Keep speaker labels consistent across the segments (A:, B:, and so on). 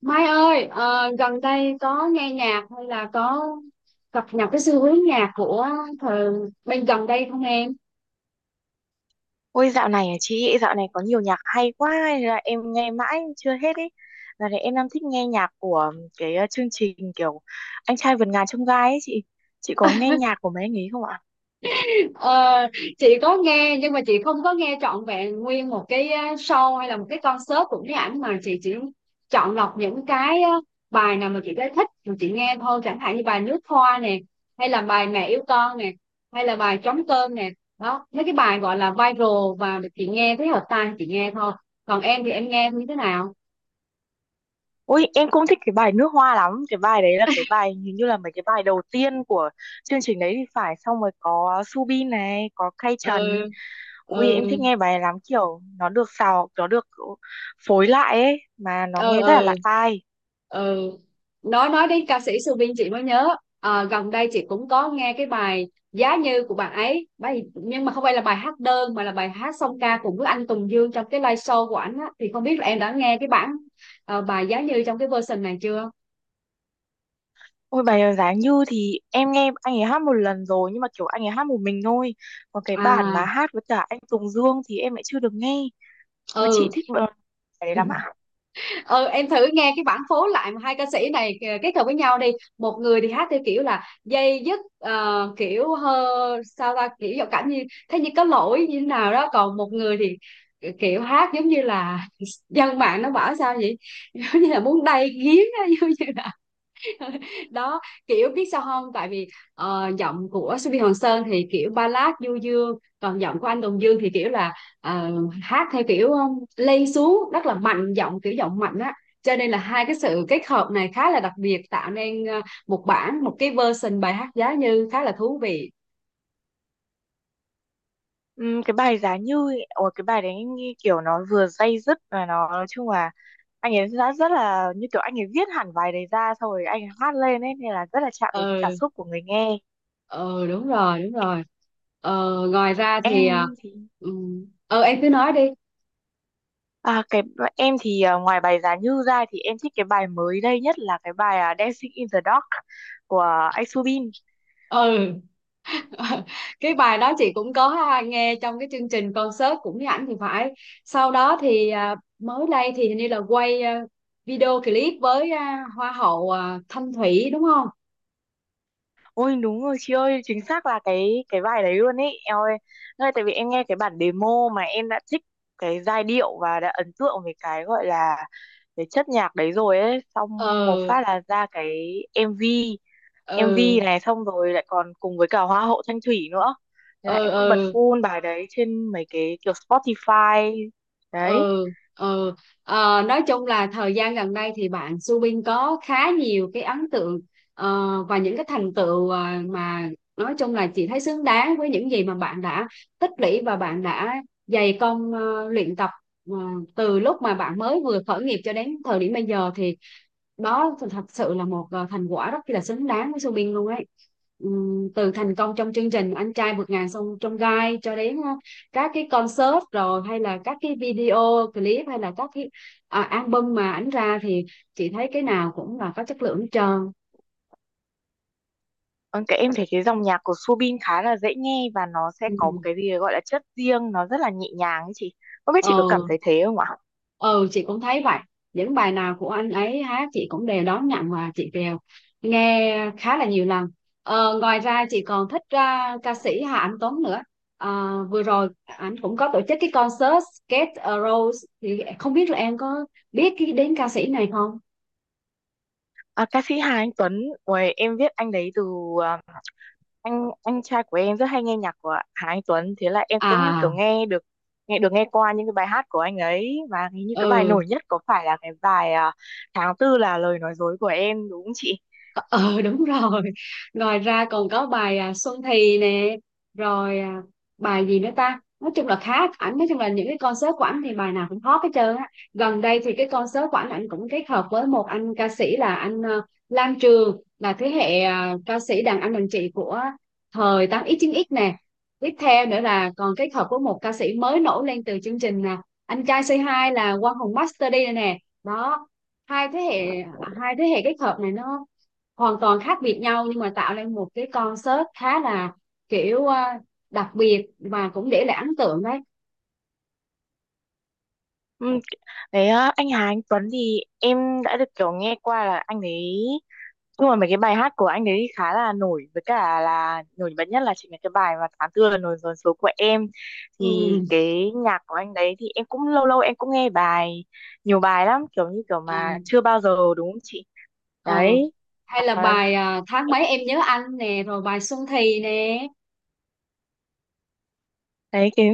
A: Mai ơi, gần đây có nghe nhạc hay là có cập nhật cái xu hướng nhạc của thời bên gần đây không em?
B: Ôi dạo này à chị, dạo này có nhiều nhạc hay quá hay là em nghe mãi chưa hết ấy. Dạo này em đang thích nghe nhạc của cái chương trình kiểu Anh trai vượt ngàn chông gai ấy chị. Chị có nghe nhạc của mấy anh ấy không ạ?
A: Ờ, chị có nghe nhưng mà chị không có nghe trọn vẹn nguyên một cái show hay là một cái concert của cái ảnh mà chị chỉ chọn lọc những cái bài nào mà chị thấy thích rồi chị nghe thôi, chẳng hạn như bài Nước Hoa nè, hay là bài Mẹ Yêu Con nè, hay là bài Trống Cơm nè. Đó mấy cái bài gọi là viral và chị nghe thấy hợp tai chị nghe thôi. Còn em thì em nghe như thế nào?
B: Ôi em cũng thích cái bài Nước Hoa lắm. Cái bài đấy là cái bài hình như là mấy cái bài đầu tiên của chương trình đấy thì phải. Xong rồi có Subin này, có Kay
A: Ừ,
B: Trần. Ui em
A: ừ,
B: thích nghe bài này lắm, kiểu nó được xào, nó được phối lại ấy mà nó
A: ừ,
B: nghe rất là lạ
A: ừ,
B: tai.
A: ừ. Nói đến ca sĩ Su chị mới nhớ. Gần đây chị cũng có nghe cái bài Giá Như của bạn ấy bài, nhưng mà không phải là bài hát đơn mà là bài hát song ca cùng với anh Tùng Dương trong cái live show của ảnh á, thì không biết là em đã nghe cái bản bài Giá Như trong cái version này chưa?
B: Ôi bài Giá Như thì em nghe anh ấy hát một lần rồi, nhưng mà kiểu anh ấy hát một mình thôi. Còn cái bản
A: À,
B: mà hát với cả anh Tùng Dương thì em lại chưa được nghe. Với chị
A: ừ,
B: thích bài bài đấy lắm ạ.
A: ừ, em thử nghe cái bản phối lại mà hai ca sĩ này kết hợp với nhau đi. Một người thì hát theo kiểu là dây dứt, kiểu hơ sao ta, kiểu giọng cảm như thế, như có lỗi như thế nào đó, còn một người thì kiểu hát giống như là dân mạng nó bảo sao vậy giống như là muốn đay nghiến á, giống như đó kiểu biết sao không, tại vì giọng của Subi Hoàng Sơn thì kiểu ballad du dương, còn giọng của anh Tùng Dương thì kiểu là ờ, hát theo kiểu lay xuống rất là mạnh giọng, kiểu giọng mạnh á, cho nên là hai cái sự kết hợp này khá là đặc biệt, tạo nên một cái version bài hát giá như khá là thú vị.
B: Cái bài Giá Như, ôi cái bài đấy em nghe kiểu nó vừa day dứt, và nó nói chung là anh ấy đã rất là như kiểu anh ấy viết hẳn bài đấy ra xong rồi anh ấy hát lên ấy, nên là rất là chạm đến
A: Ừ,
B: cảm xúc của người nghe.
A: ừ, đúng rồi, đúng rồi. Ngoài ra thì
B: Em thì
A: ừ, em cứ nói đi.
B: À, cái em thì à, ngoài bài Giá Như ra thì em thích cái bài mới đây nhất là cái bài Dancing in the Dark của anh Subin.
A: Ừ. Cái bài đó chị cũng có, ha, nghe trong cái chương trình concert cũng với ảnh thì phải. Sau đó thì mới đây thì hình như là quay video clip với hoa hậu Thanh Thủy đúng không?
B: Ôi đúng rồi chị ơi, chính xác là cái bài đấy luôn ấy. Em ơi, nơi tại vì em nghe cái bản demo mà em đã thích cái giai điệu và đã ấn tượng với cái gọi là cái chất nhạc đấy rồi ấy, xong một
A: Ừ,
B: phát là ra cái MV.
A: ừ,
B: MV này xong rồi lại còn cùng với cả Hoa hậu Thanh Thủy nữa. Thế là
A: ừ,
B: em cứ bật
A: ừ,
B: full bài đấy trên mấy cái kiểu Spotify đấy.
A: ừ, ừ. Nói chung là thời gian gần đây thì bạn Subin có khá nhiều cái ấn tượng, và những cái thành tựu, mà nói chung là chị thấy xứng đáng với những gì mà bạn đã tích lũy và bạn đã dày công luyện tập ờ, từ lúc mà bạn mới vừa khởi nghiệp cho đến thời điểm bây giờ, thì đó thật sự là một thành quả rất là xứng đáng với Subin luôn ấy. Từ thành công trong chương trình Anh Trai Vượt Ngàn Sông Trong Gai cho đến các cái concert, rồi hay là các cái video clip, hay là các cái album mà ảnh ra thì chị thấy cái nào cũng là có chất lượng hết trơn.
B: Ừ, cái em thấy cái dòng nhạc của Subin khá là dễ nghe và nó sẽ có một
A: Ừ.
B: cái gì gọi là chất riêng, nó rất là nhẹ nhàng ấy chị. Không biết chị có cảm
A: ờ
B: thấy thế không ạ?
A: ừ, chị cũng thấy vậy. Những bài nào của anh ấy hát chị cũng đều đón nhận và chị đều nghe khá là nhiều lần. Ngoài ra chị còn thích ca sĩ Hà Anh Tuấn nữa. Vừa rồi anh cũng có tổ chức cái concert Get A Rose thì không biết là em có biết cái đến ca sĩ này không?
B: À, ca sĩ Hà Anh Tuấn, ôi, em biết anh đấy từ à, anh trai của em rất hay nghe nhạc của Hà Anh Tuấn, thế là em cũng kiểu
A: À,
B: nghe qua những cái bài hát của anh ấy, và hình như cái bài
A: ừ.
B: nổi nhất có phải là cái bài tháng tư là lời nói dối của em đúng không chị?
A: Ờ Đúng rồi. Ngoài ra còn có bài Xuân Thì nè, rồi bài gì nữa ta, nói chung là khá ảnh, nói chung là những cái concert của ảnh thì bài nào cũng hot hết trơn á. Gần đây thì cái concert của ảnh ảnh cũng kết hợp với một anh ca sĩ là anh Lam Trường, là thế hệ ca sĩ đàn anh đàn chị của thời 8x 9x nè. Tiếp theo nữa là còn kết hợp với một ca sĩ mới nổi lên từ chương trình anh trai C2 là Quang Hùng Master đi nè. Đó, hai thế hệ hai thế hệ kết hợp này nó hoàn toàn khác biệt nhau nhưng mà tạo nên một cái concert khá là kiểu đặc biệt và cũng để lại ấn tượng đấy.
B: Ừ. Đấy, anh Hà Anh Tuấn thì em đã được kiểu nghe qua là anh ấy. Nhưng mà mấy cái bài hát của anh đấy khá là nổi với cả là nổi bật nhất là chính là cái bài mà tháng tư là nổi dồn số của em, thì
A: Ừ.
B: cái nhạc của anh đấy thì em cũng lâu lâu em cũng nghe nhiều bài lắm, kiểu như kiểu
A: ờ,
B: mà chưa bao giờ, đúng không chị?
A: ờ.
B: Đấy,
A: Hay là
B: à,
A: bài tháng
B: em
A: mấy em nhớ anh nè, rồi bài Xuân Thì nè.
B: thấy cái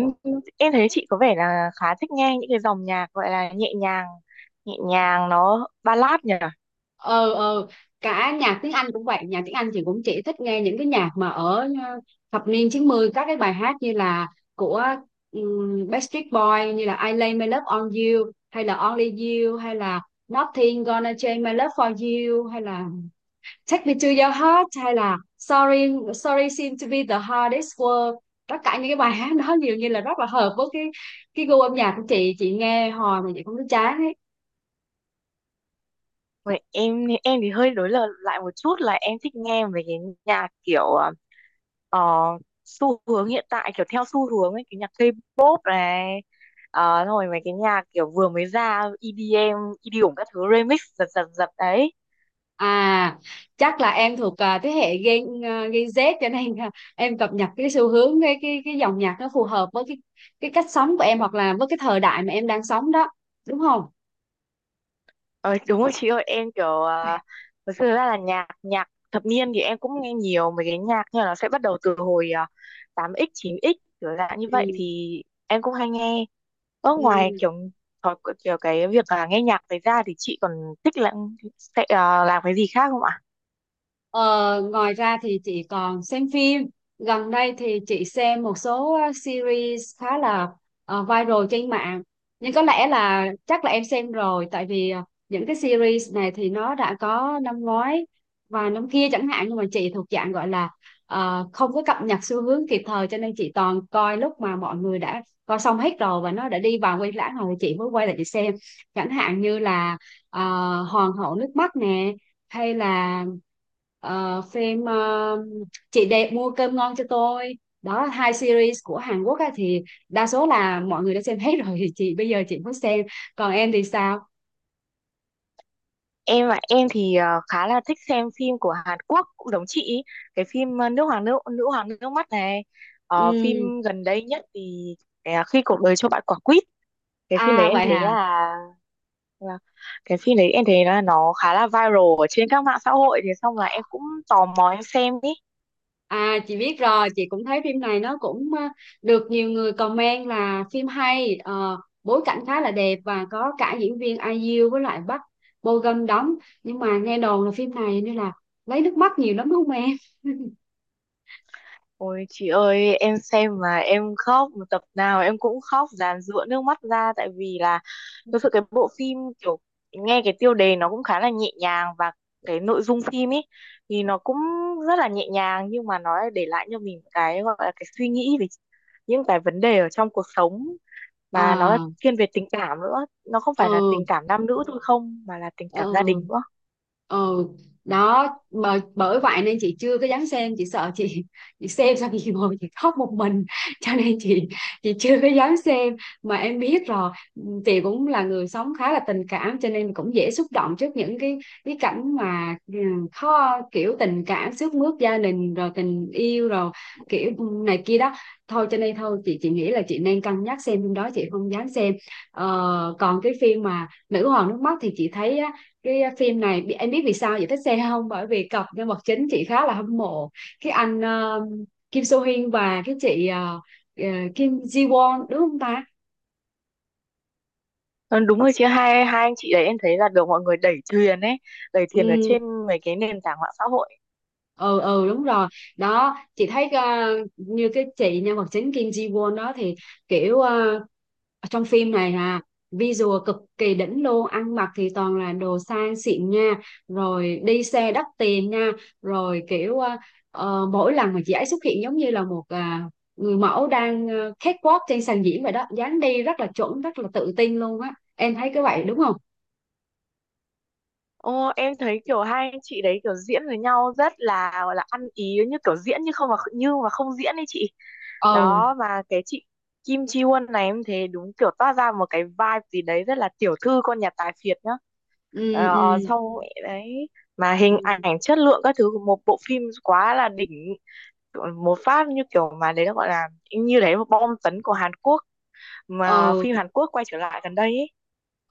B: em thấy chị có vẻ là khá thích nghe những cái dòng nhạc gọi là nhẹ nhàng, nhẹ nhàng nó ballad nhỉ.
A: ờ ờ Cả nhạc tiếng Anh cũng vậy, nhạc tiếng Anh chị cũng chỉ thích nghe những cái nhạc mà ở thập niên 90, các cái bài hát như là của Backstreet Boys, như là I Lay My Love On You, hay là Only You, hay là Nothing Gonna Change My Love For You, hay là Take Me To Your Heart, hay là Sorry Sorry Seem To Be The Hardest Word. Tất cả những cái bài hát đó nhiều như là rất là hợp với cái gu âm nhạc của chị nghe hồi mà chị không thấy chán ấy.
B: Vậy em thì hơi đối lập lại một chút, là em thích nghe về cái nhạc kiểu Ờ, xu hướng hiện tại, kiểu theo xu hướng ấy, cái nhạc K-pop này, rồi mấy cái nhạc kiểu vừa mới ra EDM, EDM các thứ remix, giật giật giật đấy.
A: à Chắc là em thuộc thế hệ Gen Gen Z cho nên em cập nhật cái xu hướng, cái dòng nhạc nó phù hợp với cái cách sống của em hoặc là với cái thời đại mà em đang sống đó, đúng không?
B: Ờ, đúng rồi chị ơi, em kiểu thực sự ra là nhạc nhạc thập niên thì em cũng nghe nhiều mấy cái nhạc, nhưng mà nó sẽ bắt đầu từ hồi 8x 9x, kiểu dạng như vậy
A: Ừ.
B: thì em cũng hay nghe. Ở ngoài
A: Ừ.
B: kiểu thói, kiểu cái việc là nghe nhạc đấy ra thì chị còn thích là sẽ làm cái gì khác không ạ?
A: Ờ, Ngoài ra thì chị còn xem phim. Gần đây thì chị xem một số series khá là viral trên mạng. Nhưng có lẽ là chắc là em xem rồi, tại vì những cái series này thì nó đã có năm ngoái và năm kia chẳng hạn, nhưng mà chị thuộc dạng gọi là không có cập nhật xu hướng kịp thời, cho nên chị toàn coi lúc mà mọi người đã coi xong hết rồi và nó đã đi vào quay lãng rồi thì chị mới quay lại chị xem. Chẳng hạn như là ờ, Hoàng Hậu Nước Mắt nè, hay là phim Chị Đẹp Mua Cơm Ngon Cho Tôi, đó hai series của Hàn Quốc á, thì đa số là mọi người đã xem hết rồi, chị bây giờ chị mới xem. Còn em thì sao?
B: Em ạ, em thì khá là thích xem phim của Hàn Quốc, cũng giống chị ý. Cái phim Nước Hoàng Nữ Nữ Hoàng Nước Mắt này. Ờ,
A: Ừ.
B: phim gần đây nhất thì khi cuộc đời cho bạn quả quýt, cái phim đấy
A: À
B: em
A: vậy
B: thấy
A: hả?
B: là là nó khá là viral ở trên các mạng xã hội, thì xong là em cũng tò mò em xem ý.
A: Chị biết rồi, chị cũng thấy phim này nó cũng được nhiều người comment là phim hay, bối cảnh khá là đẹp và có cả diễn viên IU với lại Park Bo Gum đóng, nhưng mà nghe đồn là phim này nên là lấy nước mắt nhiều lắm đúng không em?
B: Ôi chị ơi, em xem mà em khóc, một tập nào em cũng khóc dàn rụa nước mắt ra, tại vì là thực sự cái bộ phim kiểu nghe cái tiêu đề nó cũng khá là nhẹ nhàng, và cái nội dung phim ấy thì nó cũng rất là nhẹ nhàng, nhưng mà nó lại để lại cho mình cái gọi là cái suy nghĩ về những cái vấn đề ở trong cuộc sống, mà nó là
A: À,
B: thiên về tình cảm nữa, nó không phải là
A: ừ,
B: tình cảm nam nữ thôi không, mà là tình cảm gia
A: ừ,
B: đình nữa.
A: ừ. Đó mà bởi vậy nên chị chưa có dám xem, chị sợ chị chị xem xong chị ngồi chị khóc một mình. Cho nên chị chưa có dám xem. Mà em biết rồi, chị cũng là người sống khá là tình cảm, cho nên cũng dễ xúc động trước những cái cảnh mà, khó, kiểu tình cảm xước mướt gia đình rồi tình yêu rồi kiểu, này kia đó. Thôi cho nên thôi chị nghĩ là chị nên cân nhắc xem phim đó, chị không dám xem. Còn cái phim mà Nữ Hoàng Nước Mắt thì chị thấy á, cái phim này em biết vì sao chị thích xem không, bởi vì cặp nhân vật chính chị khá là hâm mộ, cái anh Kim So Hyun và cái chị ờ, Kim Ji Won đúng không ta?
B: Ờ, đúng rồi chị, hai hai anh chị đấy em thấy là được mọi người đẩy thuyền ấy, đẩy thuyền ở
A: Ừ,
B: trên mấy cái nền tảng mạng xã hội.
A: ừ, ừ, đúng rồi. Đó chị thấy như cái chị nhân vật chính Kim Ji Won đó thì kiểu trong phim này visual cực kỳ đỉnh luôn, ăn mặc thì toàn là đồ sang xịn nha, rồi đi xe đắt tiền nha, rồi kiểu mỗi lần mà chị ấy xuất hiện giống như là một người mẫu đang catwalk trên sàn diễn vậy đó, dáng đi rất là chuẩn rất là tự tin luôn á, em thấy cái vậy đúng không?
B: Ô em thấy kiểu hai anh chị đấy kiểu diễn với nhau rất là, gọi là ăn ý, như kiểu diễn như không mà như mà không diễn ấy chị.
A: Ừ,
B: Đó mà cái chị Kim Chi Won này em thấy đúng kiểu toát ra một cái vibe gì đấy rất là tiểu thư con nhà tài phiệt nhá.
A: ừ,
B: ờ,
A: ừ,
B: xong đấy, mà hình
A: ừ.
B: ảnh chất lượng các thứ của một bộ phim quá là đỉnh, một phát như kiểu mà đấy nó gọi là như đấy một bom tấn của Hàn Quốc, mà
A: Ừ,
B: phim Hàn Quốc quay trở lại gần đây ấy.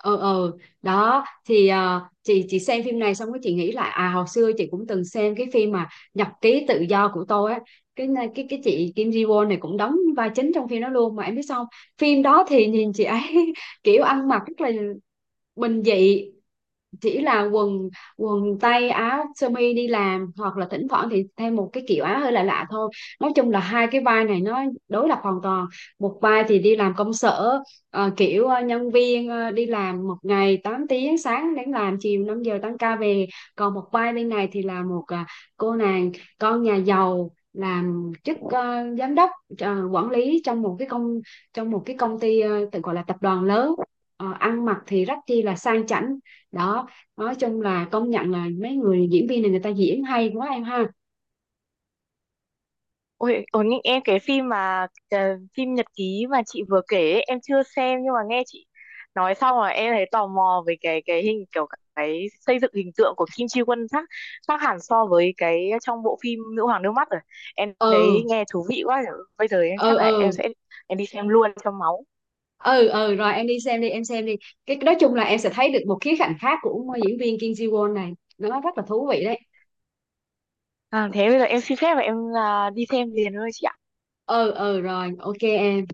A: ừ, ừ. Đó thì chị xem phim này xong cái chị nghĩ lại, à hồi xưa chị cũng từng xem cái phim mà Nhật Ký Tự Do Của Tôi á, cái chị Kim Ji Won này cũng đóng vai chính trong phim đó luôn mà em biết sao không? Phim đó thì nhìn chị ấy kiểu ăn mặc rất là bình dị, chỉ là quần quần tây áo sơ mi đi làm, hoặc là thỉnh thoảng thì thêm một cái kiểu áo hơi lạ lạ thôi. Nói chung là hai cái vai này nó đối lập hoàn toàn, một vai thì đi làm công sở, kiểu nhân viên đi làm một ngày 8 tiếng, sáng đến làm chiều 5 giờ tăng ca về. Còn một vai bên này thì là một cô nàng con nhà giàu, làm chức giám đốc quản lý trong một cái công ty, tự gọi là tập đoàn lớn. Ăn mặc thì rất chi là sang chảnh. Đó, nói chung là công nhận là mấy người diễn viên này người ta diễn hay quá em ha.
B: Ôi, ôi nhưng em, cái phim mà phim Nhật ký mà chị vừa kể ấy, em chưa xem, nhưng mà nghe chị nói xong rồi em thấy tò mò về cái hình, kiểu cái xây dựng hình tượng của Kim Ji Won khác khác hẳn so với cái trong bộ phim Nữ hoàng nước mắt rồi. Em thấy
A: Ừ,
B: nghe thú vị quá. Bây giờ em
A: ừ,
B: chắc là em
A: ừ,
B: sẽ em đi xem luôn cho máu.
A: ừ, ừ, rồi em đi xem đi em xem đi. Cái nói chung là em sẽ thấy được một khía cạnh khác của diễn viên Kim Ji Won này, nó rất là thú vị đấy.
B: À, thế bây giờ em xin phép và em đi xem liền thôi chị ạ.
A: Ừ, ừ, rồi ok em.